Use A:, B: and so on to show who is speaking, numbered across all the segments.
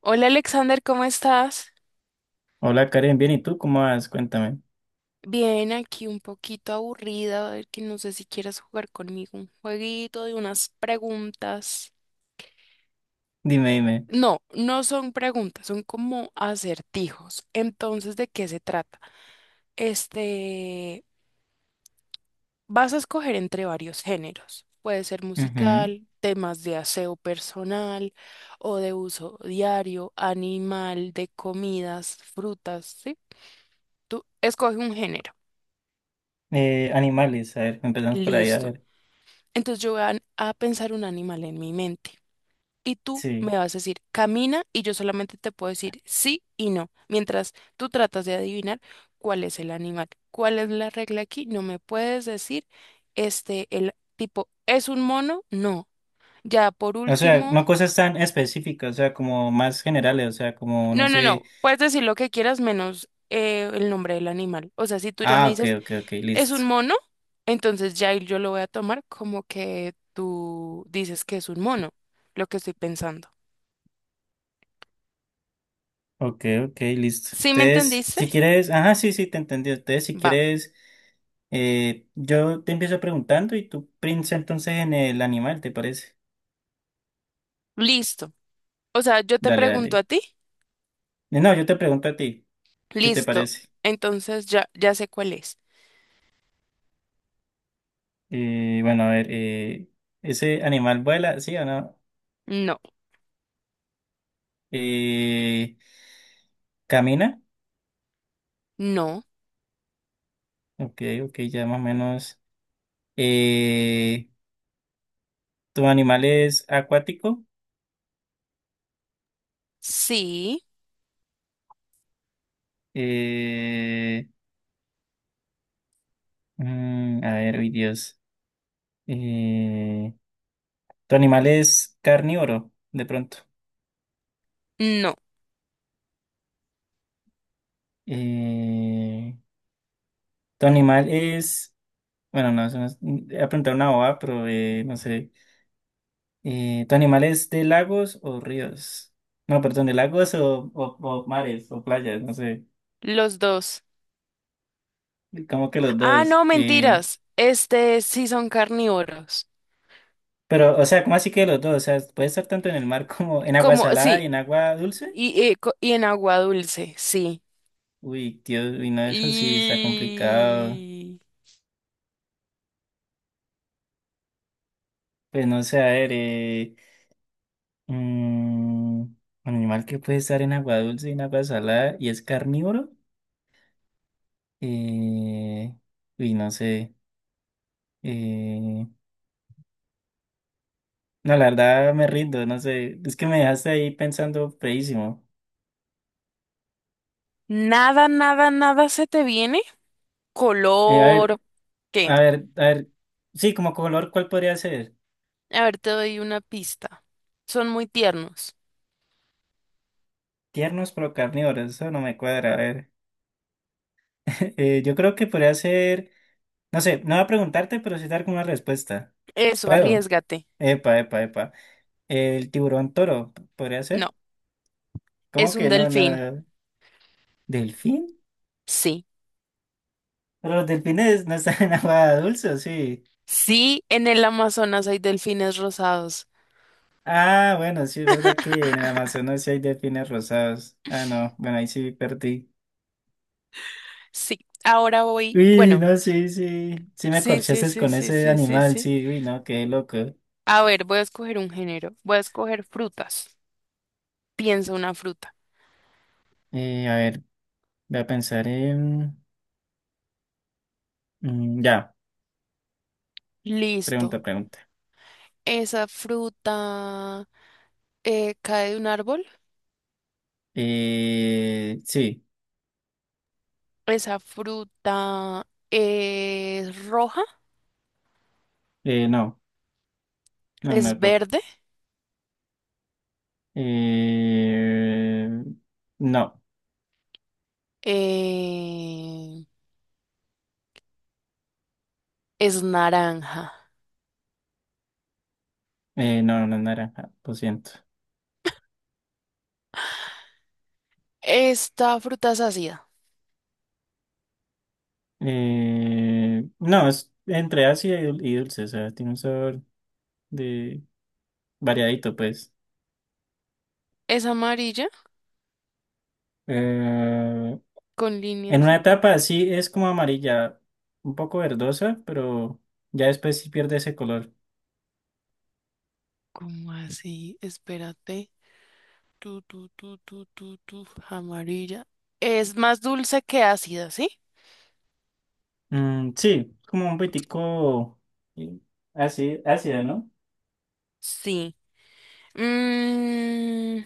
A: Hola Alexander, ¿cómo estás?
B: Hola Karen, bien, ¿y tú cómo vas? Cuéntame.
A: Bien, aquí un poquito aburrida, a ver que no sé si quieres jugar conmigo un jueguito de unas preguntas.
B: Dime, dime.
A: No, no son preguntas, son como acertijos. Entonces, ¿de qué se trata? Este, Vas a escoger entre varios géneros. Puede ser
B: Ujú.
A: musical, temas de aseo personal o de uso diario, animal, de comidas, frutas, ¿sí? Tú escoge un género.
B: Animales, a ver, empezamos por ahí, a
A: Listo.
B: ver.
A: Entonces yo voy a pensar un animal en mi mente y tú
B: Sí.
A: me vas a decir, camina, y yo solamente te puedo decir sí y no, mientras tú tratas de adivinar cuál es el animal. ¿Cuál es la regla aquí? No me puedes decir, el tipo, ¿es un mono? No. Ya por
B: O sea,
A: último,
B: no cosas tan específicas, o sea, como más generales, o sea, como, no
A: no, no,
B: sé.
A: no, puedes decir lo que quieras menos el nombre del animal. O sea, si tú ya me
B: Ah, ok,
A: dices,
B: ok, ok,
A: ¿es un
B: listo.
A: mono? Entonces ya ahí yo lo voy a tomar como que tú dices que es un mono, lo que estoy pensando.
B: Ok, ok, listo.
A: ¿Sí me
B: Entonces,
A: entendiste?
B: si quieres, ajá, sí, sí, te entendí. Entonces, si
A: Va,
B: quieres, yo te empiezo preguntando y tú piensa entonces en el animal, ¿te parece?
A: listo. O sea, yo te
B: Dale,
A: pregunto a
B: dale.
A: ti,
B: No, yo te pregunto a ti, si te
A: listo.
B: parece.
A: Entonces ya, ya sé cuál es.
B: Bueno, a ver, ¿ese animal vuela, sí o no?
A: No,
B: Eh, ¿Camina?
A: no,
B: Ok, ok, ya más o menos. Eh, ¿Tu animal es acuático?
A: sí,
B: Eh, a ver, uy, Dios. Eh, ¿Tu animal es carnívoro, de pronto?
A: no.
B: Eh, ¿Tu animal es... Bueno, no, eso no es- iba a preguntar una bobada, pero no sé. ¿Tu animal es de lagos o ríos? No, perdón, de lagos o mares o playas, no sé.
A: Los dos.
B: Como que los
A: Ah,
B: dos.
A: no, mentiras. Este sí son carnívoros.
B: Pero, o sea, ¿cómo así que los dos? O sea, puede estar tanto en el mar como en agua
A: Como,
B: salada
A: sí,
B: y en agua dulce.
A: y, y en agua dulce, sí.
B: Uy, Dios, uy, no, eso sí está complicado.
A: Y
B: Pues no sé, a ver, un animal que puede estar en agua dulce y en agua salada y es carnívoro. Eh, uy, no sé. Eh, No, la verdad me rindo, no sé, es que me dejaste ahí pensando feísimo.
A: nada, nada, nada se te viene.
B: A ver,
A: Color, ¿qué?
B: a ver, a ver, sí, como color, ¿cuál podría ser?
A: A ver, te doy una pista. Son muy tiernos.
B: Tiernos pero carnívoros, eso no me cuadra, a ver. Yo creo que podría ser, no sé, no voy a preguntarte, pero sí dar como una respuesta.
A: Eso,
B: ¿Puedo?
A: arriesgate.
B: Epa, epa, epa. El tiburón toro, ¿podría
A: No,
B: ser?
A: es
B: ¿Cómo
A: un
B: que no,
A: delfín.
B: nada? ¿Delfín?
A: Sí.
B: Pero los delfines no están en agua dulce, ¿o sí?
A: Sí, en el Amazonas hay delfines rosados.
B: Ah, bueno, sí, es verdad que en el Amazonas sí hay delfines rosados. Ah, no, bueno, ahí sí perdí.
A: Sí. Ahora voy.
B: Uy,
A: Bueno,
B: no, sí, sí, sí me
A: sí, sí,
B: corchaste
A: sí,
B: con
A: sí,
B: ese
A: sí, sí,
B: animal,
A: sí.
B: sí, uy, no, qué loco.
A: A ver, voy a escoger un género. Voy a escoger frutas. Piensa una fruta.
B: A ver, voy a pensar en... ya,
A: Listo.
B: pregunta, pregunta.
A: Esa fruta cae de un árbol.
B: Sí,
A: Esa fruta es roja,
B: no, no
A: es
B: es rojo.
A: verde,
B: Eh, no,
A: eh, es naranja.
B: no, no es naranja, lo siento.
A: Esta fruta es ácida.
B: No, es entre y dulce, o sea, tiene un sabor de... variadito, pues.
A: Es amarilla
B: Eh,
A: con
B: en
A: líneas
B: una
A: y... ah,
B: etapa sí es como amarilla, un poco verdosa, pero ya después sí pierde ese color.
A: ¿cómo así? Espérate. Amarilla. Es más dulce que ácida, ¿sí?
B: Sí, como un poquitico eh, así, ácido, ¿no?
A: Sí. Mm,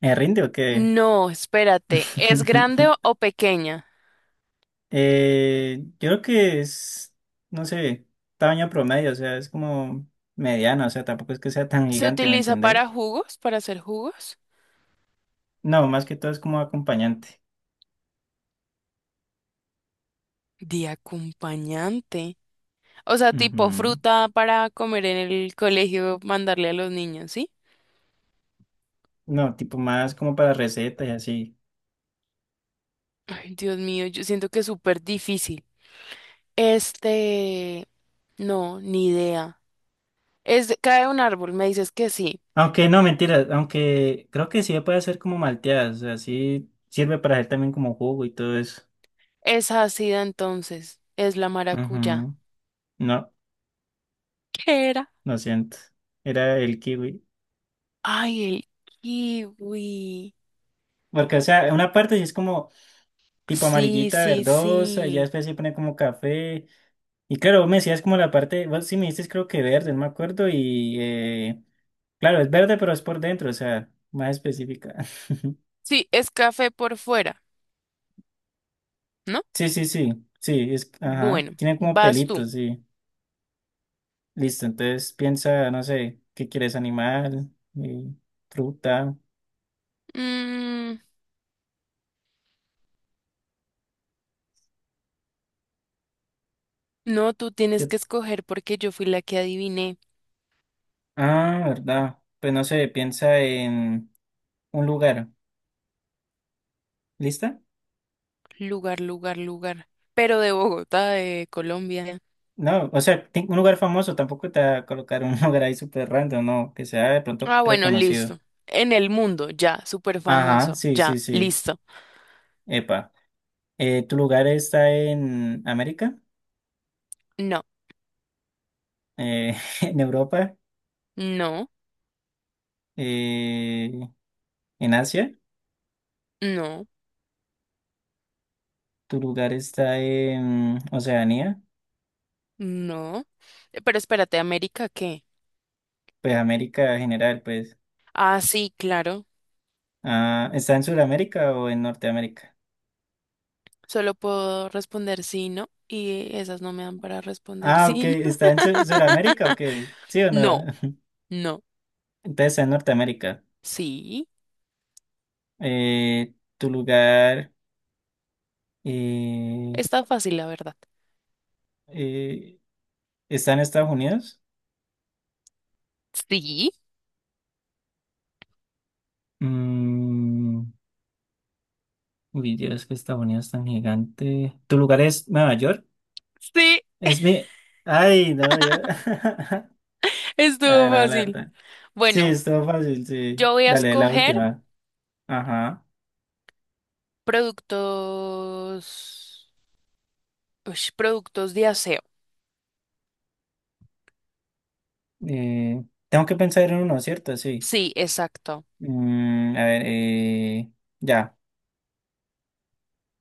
B: ¿Me rinde o qué?
A: no, espérate. ¿Es grande o pequeña?
B: Yo creo que es, no sé, tamaño promedio, o sea, es como mediano, o sea, tampoco es que sea tan
A: ¿Se
B: gigante, ¿me
A: utiliza para
B: entendés?
A: jugos, para hacer jugos?
B: No, más que todo es como acompañante.
A: De acompañante. O sea, tipo
B: Ujú.
A: fruta para comer en el colegio, mandarle a los niños, ¿sí?
B: No, tipo más como para recetas y así.
A: Ay, Dios mío, yo siento que es súper difícil. Este, no, ni idea. Es, de- cae un árbol, me dices que sí.
B: Aunque no, mentira, aunque creo que sí se puede hacer como malteada, o sea, sí sirve para hacer también como jugo y todo eso.
A: Es ácida entonces, es la maracuyá.
B: Ujú. No,
A: ¿Qué era?
B: lo siento, era el kiwi.
A: Ay, el kiwi.
B: Porque, o sea, una parte sí es como tipo
A: Sí,
B: amarillita,
A: sí,
B: verdosa, y
A: sí.
B: ya después se pone como café. Y claro, vos me decías como la parte, vos sí me dices creo que verde, no me acuerdo, y claro, es verde, pero es por dentro, o sea, más específica.
A: Sí, es café por fuera, ¿no?
B: Sí, sí, sí, sí, es, ajá,
A: Bueno,
B: tiene como
A: vas tú.
B: pelitos, sí. Listo, entonces piensa, no sé, ¿qué quieres? Animal, eh, fruta.
A: Mm, no, tú tienes
B: ¿qué-
A: que escoger porque yo fui la que adiviné.
B: Ah, verdad. Pues no sé, piensa en un lugar. ¿Lista?
A: Lugar, lugar, lugar. Pero de Bogotá, de Colombia.
B: No, o sea, un lugar famoso, tampoco te va a colocar un lugar ahí súper random, no, que sea de pronto
A: Ah, bueno,
B: reconocido.
A: listo. En el mundo, ya, súper
B: Ajá,
A: famoso,
B: sí, sí,
A: ya,
B: sí.
A: listo.
B: Epa. ¿Tu lugar está en América?
A: No,
B: Eh, ¿en Europa?
A: no,
B: Eh, ¿En Asia?
A: no,
B: ¿Tu lugar está en Oceanía?
A: no. Pero espérate, ¿América qué?
B: Pues América en general, pues.
A: Ah, sí, claro.
B: Ah, ¿está en Sudamérica o en Norteamérica?
A: Solo puedo responder sí, no. Y esas no me dan para responder
B: Ah, ok,
A: sí, no.
B: ¿está en Sudamérica o qué? ¿Sí o
A: No,
B: no?
A: no,
B: Entonces está en Norteamérica.
A: sí.
B: ¿Tu lugar eh,
A: Está fácil, la verdad.
B: eh, está en Estados Unidos?
A: Sí,
B: Mm, uy, Dios, que Estados Unidos es tan gigante. ¿Tu lugar es Nueva York?
A: sí,
B: Es mi... Ay, no, yo... Ah,
A: estuvo
B: no, la
A: fácil.
B: verdad. Sí,
A: Bueno,
B: estuvo fácil, sí.
A: yo voy a
B: Dale, la
A: escoger
B: última. Ajá.
A: productos, ush, productos de aseo.
B: Eh, tengo que pensar en uno, ¿cierto? Sí.
A: Sí, exacto.
B: A ver, ya,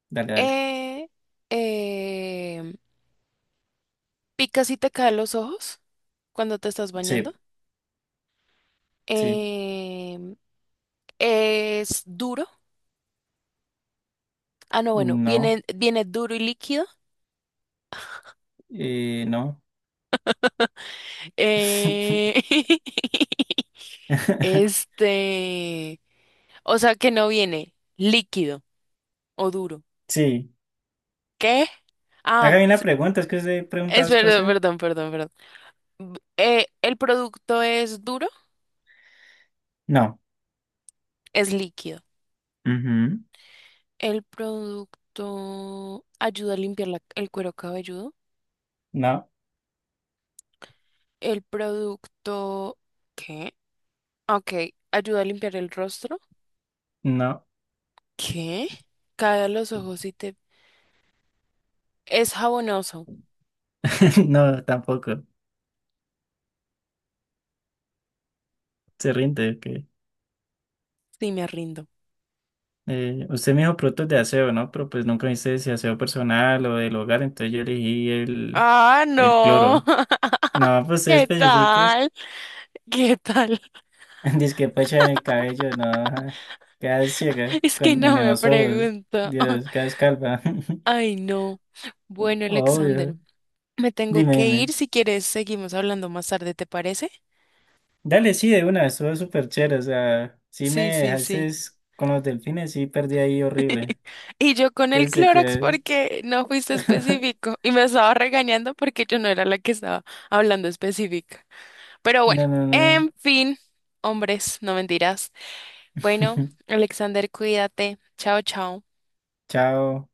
B: dale, dale.
A: Eh, eh, picas y te caen los ojos cuando te estás
B: Sí,
A: bañando.
B: sí.
A: Em, es duro. Ah, no, bueno,
B: No,
A: viene duro y líquido.
B: no.
A: Eh, este, o sea que no viene líquido o duro.
B: Sí.
A: ¿Qué? Ah,
B: Hágame una
A: sí,
B: pregunta, es que usted pregunta
A: es
B: dos
A: verdad,
B: cosas.
A: perdón, perdón, perdón. El producto es duro,
B: No,
A: es líquido.
B: Ujú.
A: El producto ayuda a limpiar el cuero cabelludo.
B: No,
A: El producto... ¿Qué? Ah, ok, ayuda a limpiar el rostro.
B: no,
A: ¿Qué? Cae a los ojos y te... es jabonoso.
B: no, tampoco. Se rinde, que
A: Sí, me rindo.
B: usted me dijo productos de aseo, ¿no? Pero pues nunca me dice si aseo personal o del hogar, entonces yo elegí
A: Ah,
B: el
A: no.
B: cloro. No, pues se
A: ¿Qué
B: especifique.
A: tal? ¿Qué tal?
B: Dice que pecha en el cabello, no. Quedas ciega
A: Es que
B: con,
A: no
B: en
A: me
B: los ojos.
A: pregunto.
B: Dios, quedas calva.
A: Ay, no. Bueno, Alexander,
B: Obvio.
A: me tengo
B: Dime,
A: que ir.
B: dime.
A: Si quieres, seguimos hablando más tarde, ¿te parece?
B: Dale, sí, de una, estuvo súper chévere. O sea, sí
A: Sí,
B: me
A: sí,
B: dejaste
A: sí.
B: con los delfines, sí perdí ahí horrible.
A: Y yo con el
B: Entonces,
A: Clorox
B: que...
A: porque no fuiste específico y me estaba regañando porque yo no era la que estaba hablando específica. Pero bueno,
B: No, no, no.
A: en fin, hombres, no mentiras. Bueno, Alexander, cuídate. Chao, chao.
B: Chao.